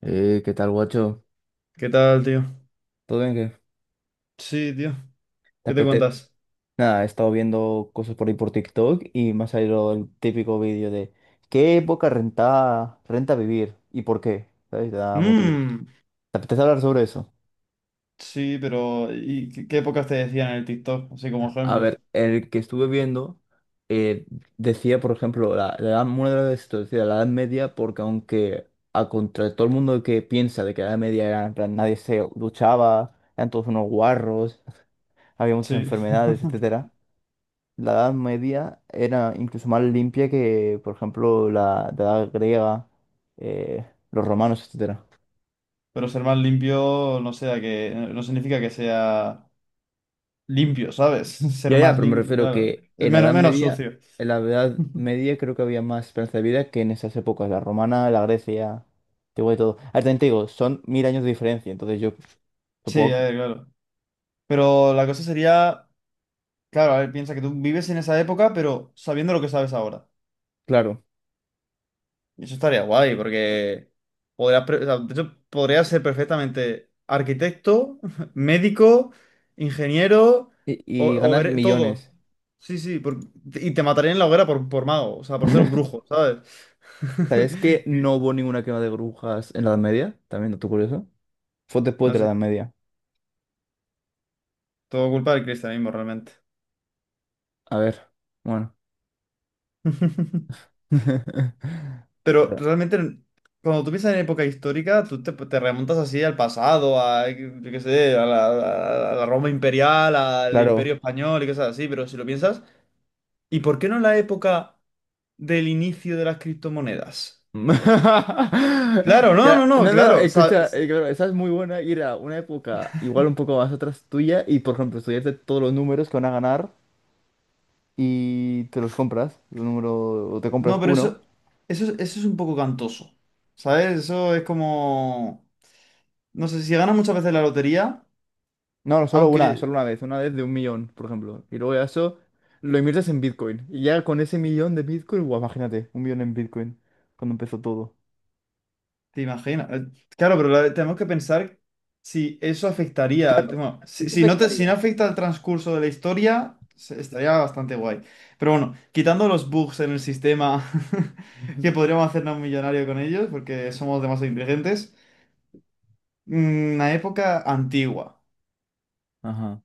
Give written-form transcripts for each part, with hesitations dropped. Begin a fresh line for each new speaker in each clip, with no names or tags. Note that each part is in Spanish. ¿Qué tal, guacho?
¿Qué tal, tío?
¿Todo bien? ¿Qué?
Sí, tío.
¿Te
¿Qué te
apetece?
cuentas?
Nada, he estado viendo cosas por ahí por TikTok y me ha salido el típico vídeo de ¿qué época renta vivir y por qué? ¿Sabes? Te da motivos.
Mmm.
¿Te apetece hablar sobre eso?
Sí, pero ¿y qué épocas te decían en el TikTok? Así como
A
ejemplo.
ver, el que estuve viendo eh, decía, por ejemplo, la edad, una de las veces decía la Edad Media, porque aunque a contra todo el mundo que piensa de que la Edad Media era, en plan, nadie se duchaba, eran todos unos guarros, había muchas
Sí.
enfermedades, etcétera. La Edad Media era incluso más limpia que, por ejemplo, la Edad griega, eh, los romanos, etcétera.
Pero ser más limpio no significa que sea limpio, ¿sabes? Ser
Ya, ya,
más
pero me
limpio,
refiero
claro.
que
Es
en la
menos,
Edad
menos
Media,
sucio.
en la Edad Media creo que había más esperanza de vida que en esas épocas, la romana, la Grecia, te digo de todo. Ah, también te digo, son mil años de diferencia, entonces yo
Sí,
supongo,
a
que-
ver, claro. Pero la cosa sería, claro, a ver, piensa que tú vives en esa época, pero sabiendo lo que sabes ahora.
claro,
Eso estaría guay, porque o sea, de hecho, podrías ser perfectamente arquitecto, médico, ingeniero,
y, y ganas
todo.
millones.
Sí, sí, y te matarían en la hoguera por mago, o sea, por ser un brujo, ¿sabes?
¿Sabes que
Y-
no hubo ninguna quema de brujas en la Edad Media? También, dato curioso. Fue después
No
de la
sé,
Edad Media.
todo culpa del cristianismo realmente.
A ver, bueno.
Pero realmente, cuando tú piensas en época histórica, tú te remontas así al pasado, a, yo qué sé, a la Roma imperial, al
Claro.
Imperio Español y cosas así, pero si lo piensas. ¿Y por qué no en la época del inicio de las criptomonedas? Claro, no, no,
Ya,
no,
no, no, no,
claro.
escucha,
¿Sabes?
claro, esa es muy buena ir a una época igual un poco más atrás tuya y, por ejemplo, estudiarte todos los números que van a ganar y te los compras, el número, o te
No,
compras
pero
uno.
eso es un poco cantoso. ¿Sabes? Eso es como. No sé, si ganas muchas veces la lotería,
No, no, solo
aunque
una vez de un millón, por ejemplo. Y luego ya eso lo inviertes en Bitcoin. Y ya con ese millón de Bitcoin, guau, imagínate, un millón en Bitcoin, cuando empezó todo.
te imaginas. Claro, pero tenemos que pensar si eso afectaría al
Claro,
tema.
y
Si,
eso
si si
afectaría.
no afecta al transcurso de la historia, estaría bastante guay. Pero bueno, quitando los bugs en el sistema
Ujú.
que podríamos hacernos millonarios con ellos, porque somos demasiado inteligentes. Una época antigua.
Ajá.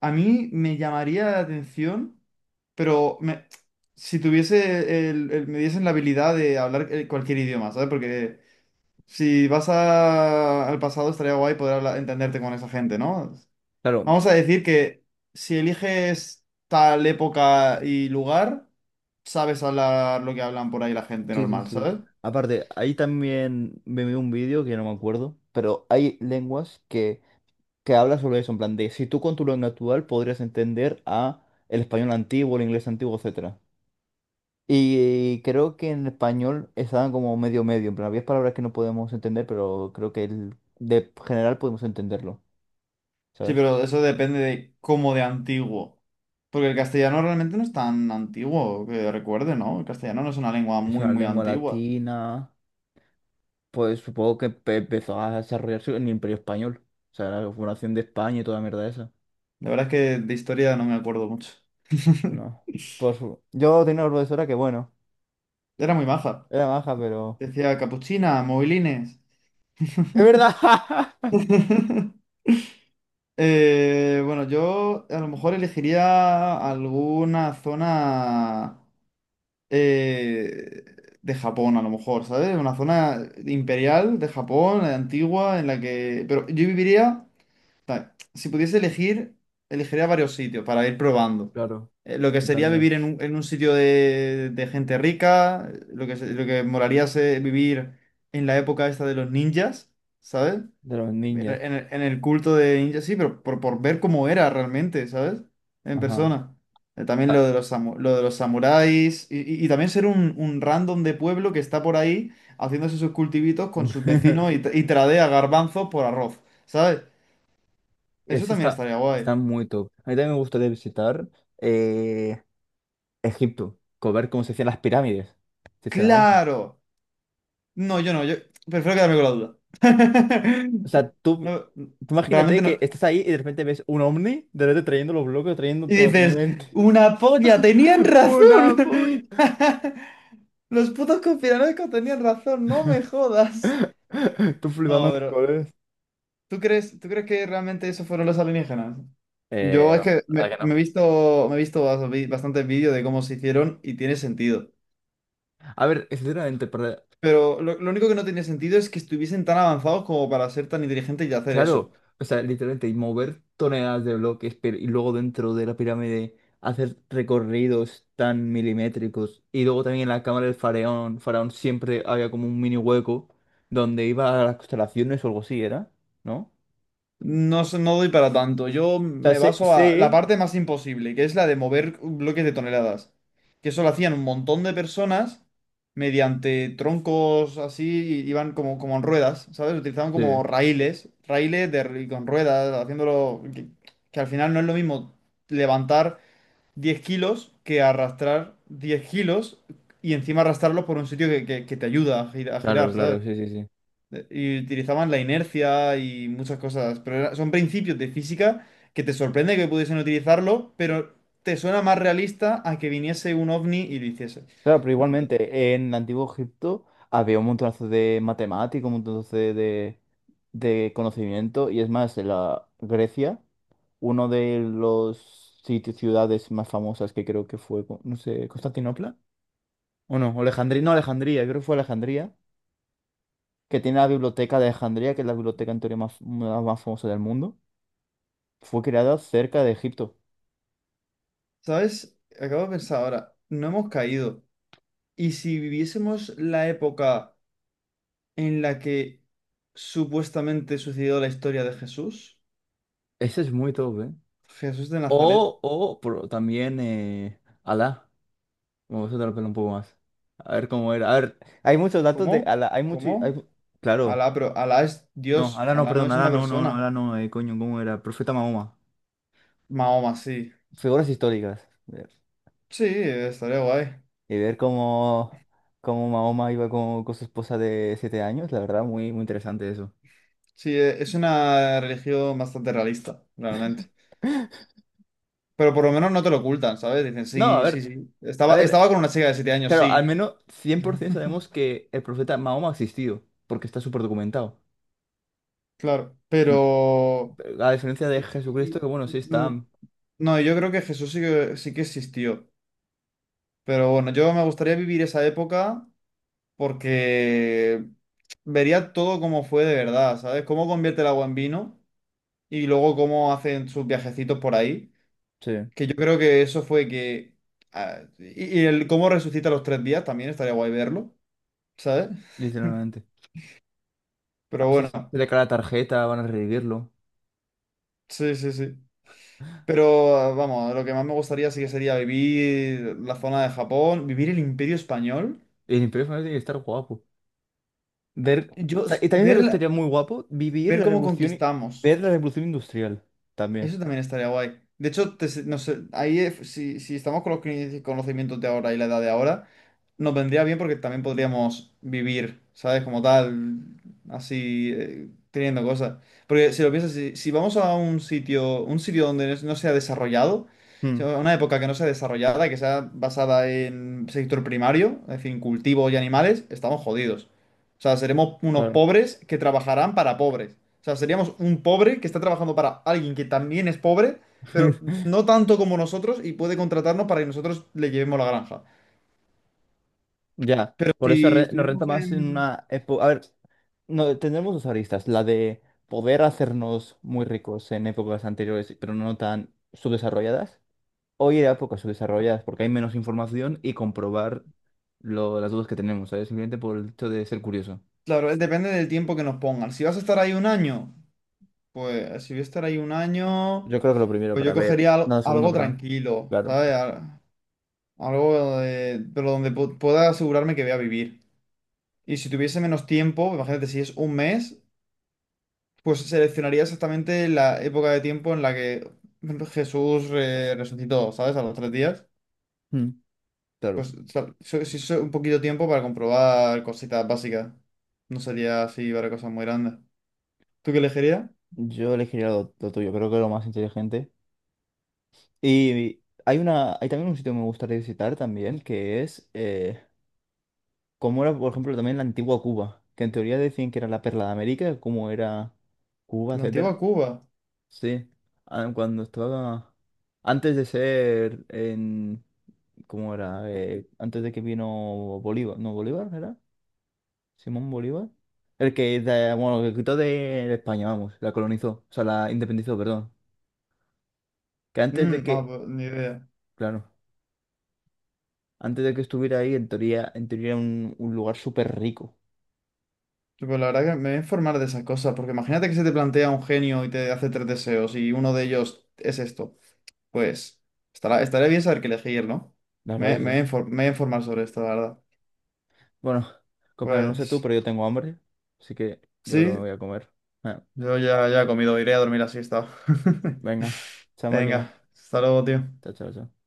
A mí me llamaría la atención, pero si tuviese me diesen la habilidad de hablar cualquier idioma, ¿sabes? Porque si al pasado estaría guay entenderte con esa gente, ¿no?
Claro,
Vamos a decir que si eliges tal época y lugar, sabes hablar lo que hablan por ahí la gente
sí, sí,
normal,
sí.
¿sabes?
Aparte, ahí también me vi un vídeo que no me acuerdo, pero hay lenguas que hablan sobre eso, en plan de si tú con tu lengua actual podrías entender a el español antiguo, el inglés antiguo, etcétera. Y creo que en español estaban como medio medio, en plan, había palabras que no podemos entender, pero creo que el- de general podemos entenderlo,
Sí,
¿sabes?
pero eso depende de cómo de antiguo. Porque el castellano realmente no es tan antiguo, que recuerde, ¿no? El castellano no es una lengua
Es
muy,
una
muy
lengua
antigua.
latina, pues supongo que empe- empezó a desarrollarse en el Imperio Español, o sea, la fundación de España y toda la mierda esa.
La verdad es que de historia no me acuerdo mucho.
No. Por su... Yo tenía una profesora que, bueno,
Era muy maja.
era baja, pero...
Decía capuchina, movilines.
¡Es verdad!
Bueno, yo a lo mejor elegiría alguna zona eh, de Japón, a lo mejor, ¿sabes? Una zona imperial de Japón, antigua, en la que... Pero yo viviría... Si pudiese elegir, elegiría varios sitios para ir probando.
Claro,
Lo que sería
tarea.
vivir en un sitio de gente rica, lo lo que molaría es vivir en la época esta de los ninjas, ¿sabes?
De los ninjas.
En el culto de ninjas, sí, pero por, ver cómo era realmente, ¿sabes? En
Ajá.
persona. También lo
Ah.
de los, lo de los samuráis y, y también ser un random de pueblo que está por ahí haciéndose sus cultivitos con sus vecinos y, y tradea garbanzos por arroz, ¿sabes? Eso
Ese
también
está,
estaría
está
guay.
muy top. A mí también me gustaría visitar eh, Egipto, co- ver cómo se hacían las pirámides, sinceramente.
¡Claro! No, yo no, yo prefiero quedarme con la duda.
O sea, tú,
No,
tú
realmente
imagínate
no.
que estás ahí y de repente ves un ovni, de repente trayendo los bloques, trayendo
Y
todo
dices,
finalmente.
una polla, tenían razón.
¡Una polla!
Los putos conspiranoicos tenían razón, no me jodas.
Tú flipando
No,
en
pero
colores.
¿tú crees que realmente eso fueron los alienígenas? Yo es
No,
que
la
me,
verdad
me he
que
visto bastantes vídeos de cómo se hicieron y tiene sentido.
no. A ver, sinceramente, para
Pero lo único que no tiene sentido es que estuviesen tan avanzados como para ser tan inteligentes y hacer
claro,
eso.
o sea, literalmente, y mover toneladas de bloques, pero, y luego dentro de la pirámide hacer recorridos tan milimétricos. Y luego también en la cámara del faraón, faraón siempre había como un mini hueco donde iba a las constelaciones o algo así, ¿era? ¿No? O
No, no doy para tanto. Yo
sea,
me
sé,
baso a la
sé-
parte más imposible, que es la de mover bloques de toneladas. Que eso lo hacían un montón de personas mediante troncos así, y iban como en ruedas, ¿sabes? Utilizaban
sí,
como raíles con ruedas, haciéndolo... Que al final no es lo mismo levantar 10 kilos que arrastrar 10 kilos y encima arrastrarlos por un sitio que te ayuda a
claro,
girar, ¿sabes?
claro, sí, sí, sí.
Y utilizaban la inercia y muchas cosas, pero son principios de física que te sorprende que pudiesen utilizarlo, pero te suena más realista a que viniese un ovni y lo hiciese.
Claro, pero igualmente, en el Antiguo Egipto había un montonazo de matemáticos, un montonazo de conocimiento, y es más, en la Grecia, uno de los sitios, ciudades más famosas que creo que fue, co- no sé, Constantinopla, o no, Alejandría, no, Alejandría, creo que fue Alejandría, que tiene la biblioteca de Alejandría, que es la biblioteca en teoría más, la más famosa del mundo, fue creada cerca de Egipto.
¿Sabes? Acabo de pensar ahora, no hemos caído. ¿Y si viviésemos la época en la que supuestamente sucedió la historia de Jesús?
Ese es muy top, ¿eh?
Jesús de Nazaret.
O, pero también, Alá. Me voy a soltar el pelo un poco más. A ver cómo era. A ver, hay muchos datos de
¿Cómo?
Ala. Hay mucho. Hay
¿Cómo?
claro.
Alá, pero Alá es
No,
Dios,
Ala no,
Alá no
perdón.
es
Ala
una
no, no, no,
persona.
Ala no. Coño, ¿cómo era? Profeta Mahoma.
Mahoma, sí.
Figuras históricas. Ver.
Sí, estaría guay.
Y ver cómo, cómo Mahoma iba con su esposa de siete años. La verdad, muy, muy interesante eso.
Sí, es una religión bastante realista, realmente. Pero por lo menos no te lo ocultan, ¿sabes? Dicen,
No, a
sí, sí,
ver.
sí.
A
Estaba,
ver.
estaba con una chica de 7 años,
Claro, al
sí,
menos 100% sabemos que el profeta Mahoma ha existido. Porque está súper documentado.
claro.
En-
Pero...
A diferencia de Jesucristo, que
y-
bueno, sí
y-
está.
mm, No, yo creo que Jesús sí que existió. Pero bueno, yo me gustaría vivir esa época porque vería todo como fue de verdad, ¿sabes? Cómo convierte el agua en vino y luego cómo hacen sus viajecitos por ahí.
Sí,
Que yo creo que eso fue que... ah, y el cómo resucita a los 3 días también estaría guay verlo, ¿sabes?
literalmente.
Pero
Así se
bueno,
le cae la tarjeta, van a revivirlo.
sí, sí, sí. Pero ah, vamos, lo que más me gustaría sí que sería vivir la zona de Japón, vivir el Imperio Español.
Y el Imperio Final tiene que estar guapo. Ver... o
Yo,
sea, y también lo que estaría muy guapo, vivir
ver
la
cómo
revolución, i- ver
conquistamos.
la revolución industrial también.
Eso también estaría guay. De hecho, no sé, ahí si estamos con los conocimientos de ahora y la edad de ahora, nos vendría bien porque también podríamos vivir, ¿sabes? Como tal, así, teniendo cosas. Porque si lo piensas, si vamos a un sitio donde no se ha desarrollado, si
Mm,
a una época que no sea desarrollada, que sea basada en sector primario, es decir, cultivo y animales, estamos jodidos. O sea, seremos unos
claro.
pobres que trabajarán para pobres. O sea, seríamos un pobre que está trabajando para alguien que también es pobre, pero no tanto como nosotros y puede contratarnos para que nosotros le llevemos la granja.
Ya,
Pero
por eso
si
re- nos renta
estuviésemos
más en
en...
una época... A ver, no, tendremos dos aristas, la de poder hacernos muy ricos en épocas anteriores, pero no tan subdesarrolladas. Hoy era épocas subdesarrolladas porque hay menos información y comprobar lo, las dudas que tenemos, ¿sabes? Simplemente por el hecho de ser curioso.
Claro, depende del tiempo que nos pongan. Si vas a estar ahí un año, pues si voy a estar ahí un año,
Yo creo que lo primero
pues
para
yo
ver.
cogería
No, lo segundo,
algo
perdón.
tranquilo,
Claro.
¿sabes? Algo pero donde pueda asegurarme que voy a vivir. Y si tuviese menos tiempo, imagínate si es un mes, pues seleccionaría exactamente la época de tiempo en la que Jesús resucitó, ¿sabes? A los 3 días.
Mm, claro.
Pues si es un poquito tiempo para comprobar cositas básicas. No sería así para cosas muy grandes. ¿Tú qué elegirías?
Yo elegiría lo tuyo, creo que es lo más inteligente. Y hay una, hay también un sitio que me gustaría visitar también, que es cómo era, por ejemplo, también la antigua Cuba, que en teoría decían que era la perla de América, cómo era Cuba,
La antigua
etcétera.
Cuba.
Sí. Ah, cuando estaba. Antes de ser en. ¿Cómo era? Antes de que vino Bolívar. No, Bolívar era. Simón Bolívar. El que, de- bueno, el que quitó de España, vamos, la colonizó, o sea, la independizó, perdón. Que antes de
Mm,
que,
no, pues, ni idea.
claro, antes de que estuviera ahí, en teoría era un lugar súper rico,
Pues la verdad que me voy a informar de esas cosas, porque imagínate que se te plantea un genio y te hace tres deseos y uno de ellos es esto. Pues estaría bien saber qué elegir, ¿no?
la verdad
Me,
que
me
sí.
voy a infor- me voy a informar sobre esto, la verdad.
Bueno, compañero, no sé tú,
Pues...
pero yo tengo hambre, así que yo creo que me
Sí,
voy a comer. Ah,
yo ya he comido, iré a dormir la siesta.
venga, chao
Venga,
máquina.
hasta luego, tío.
Chao, chao, chao.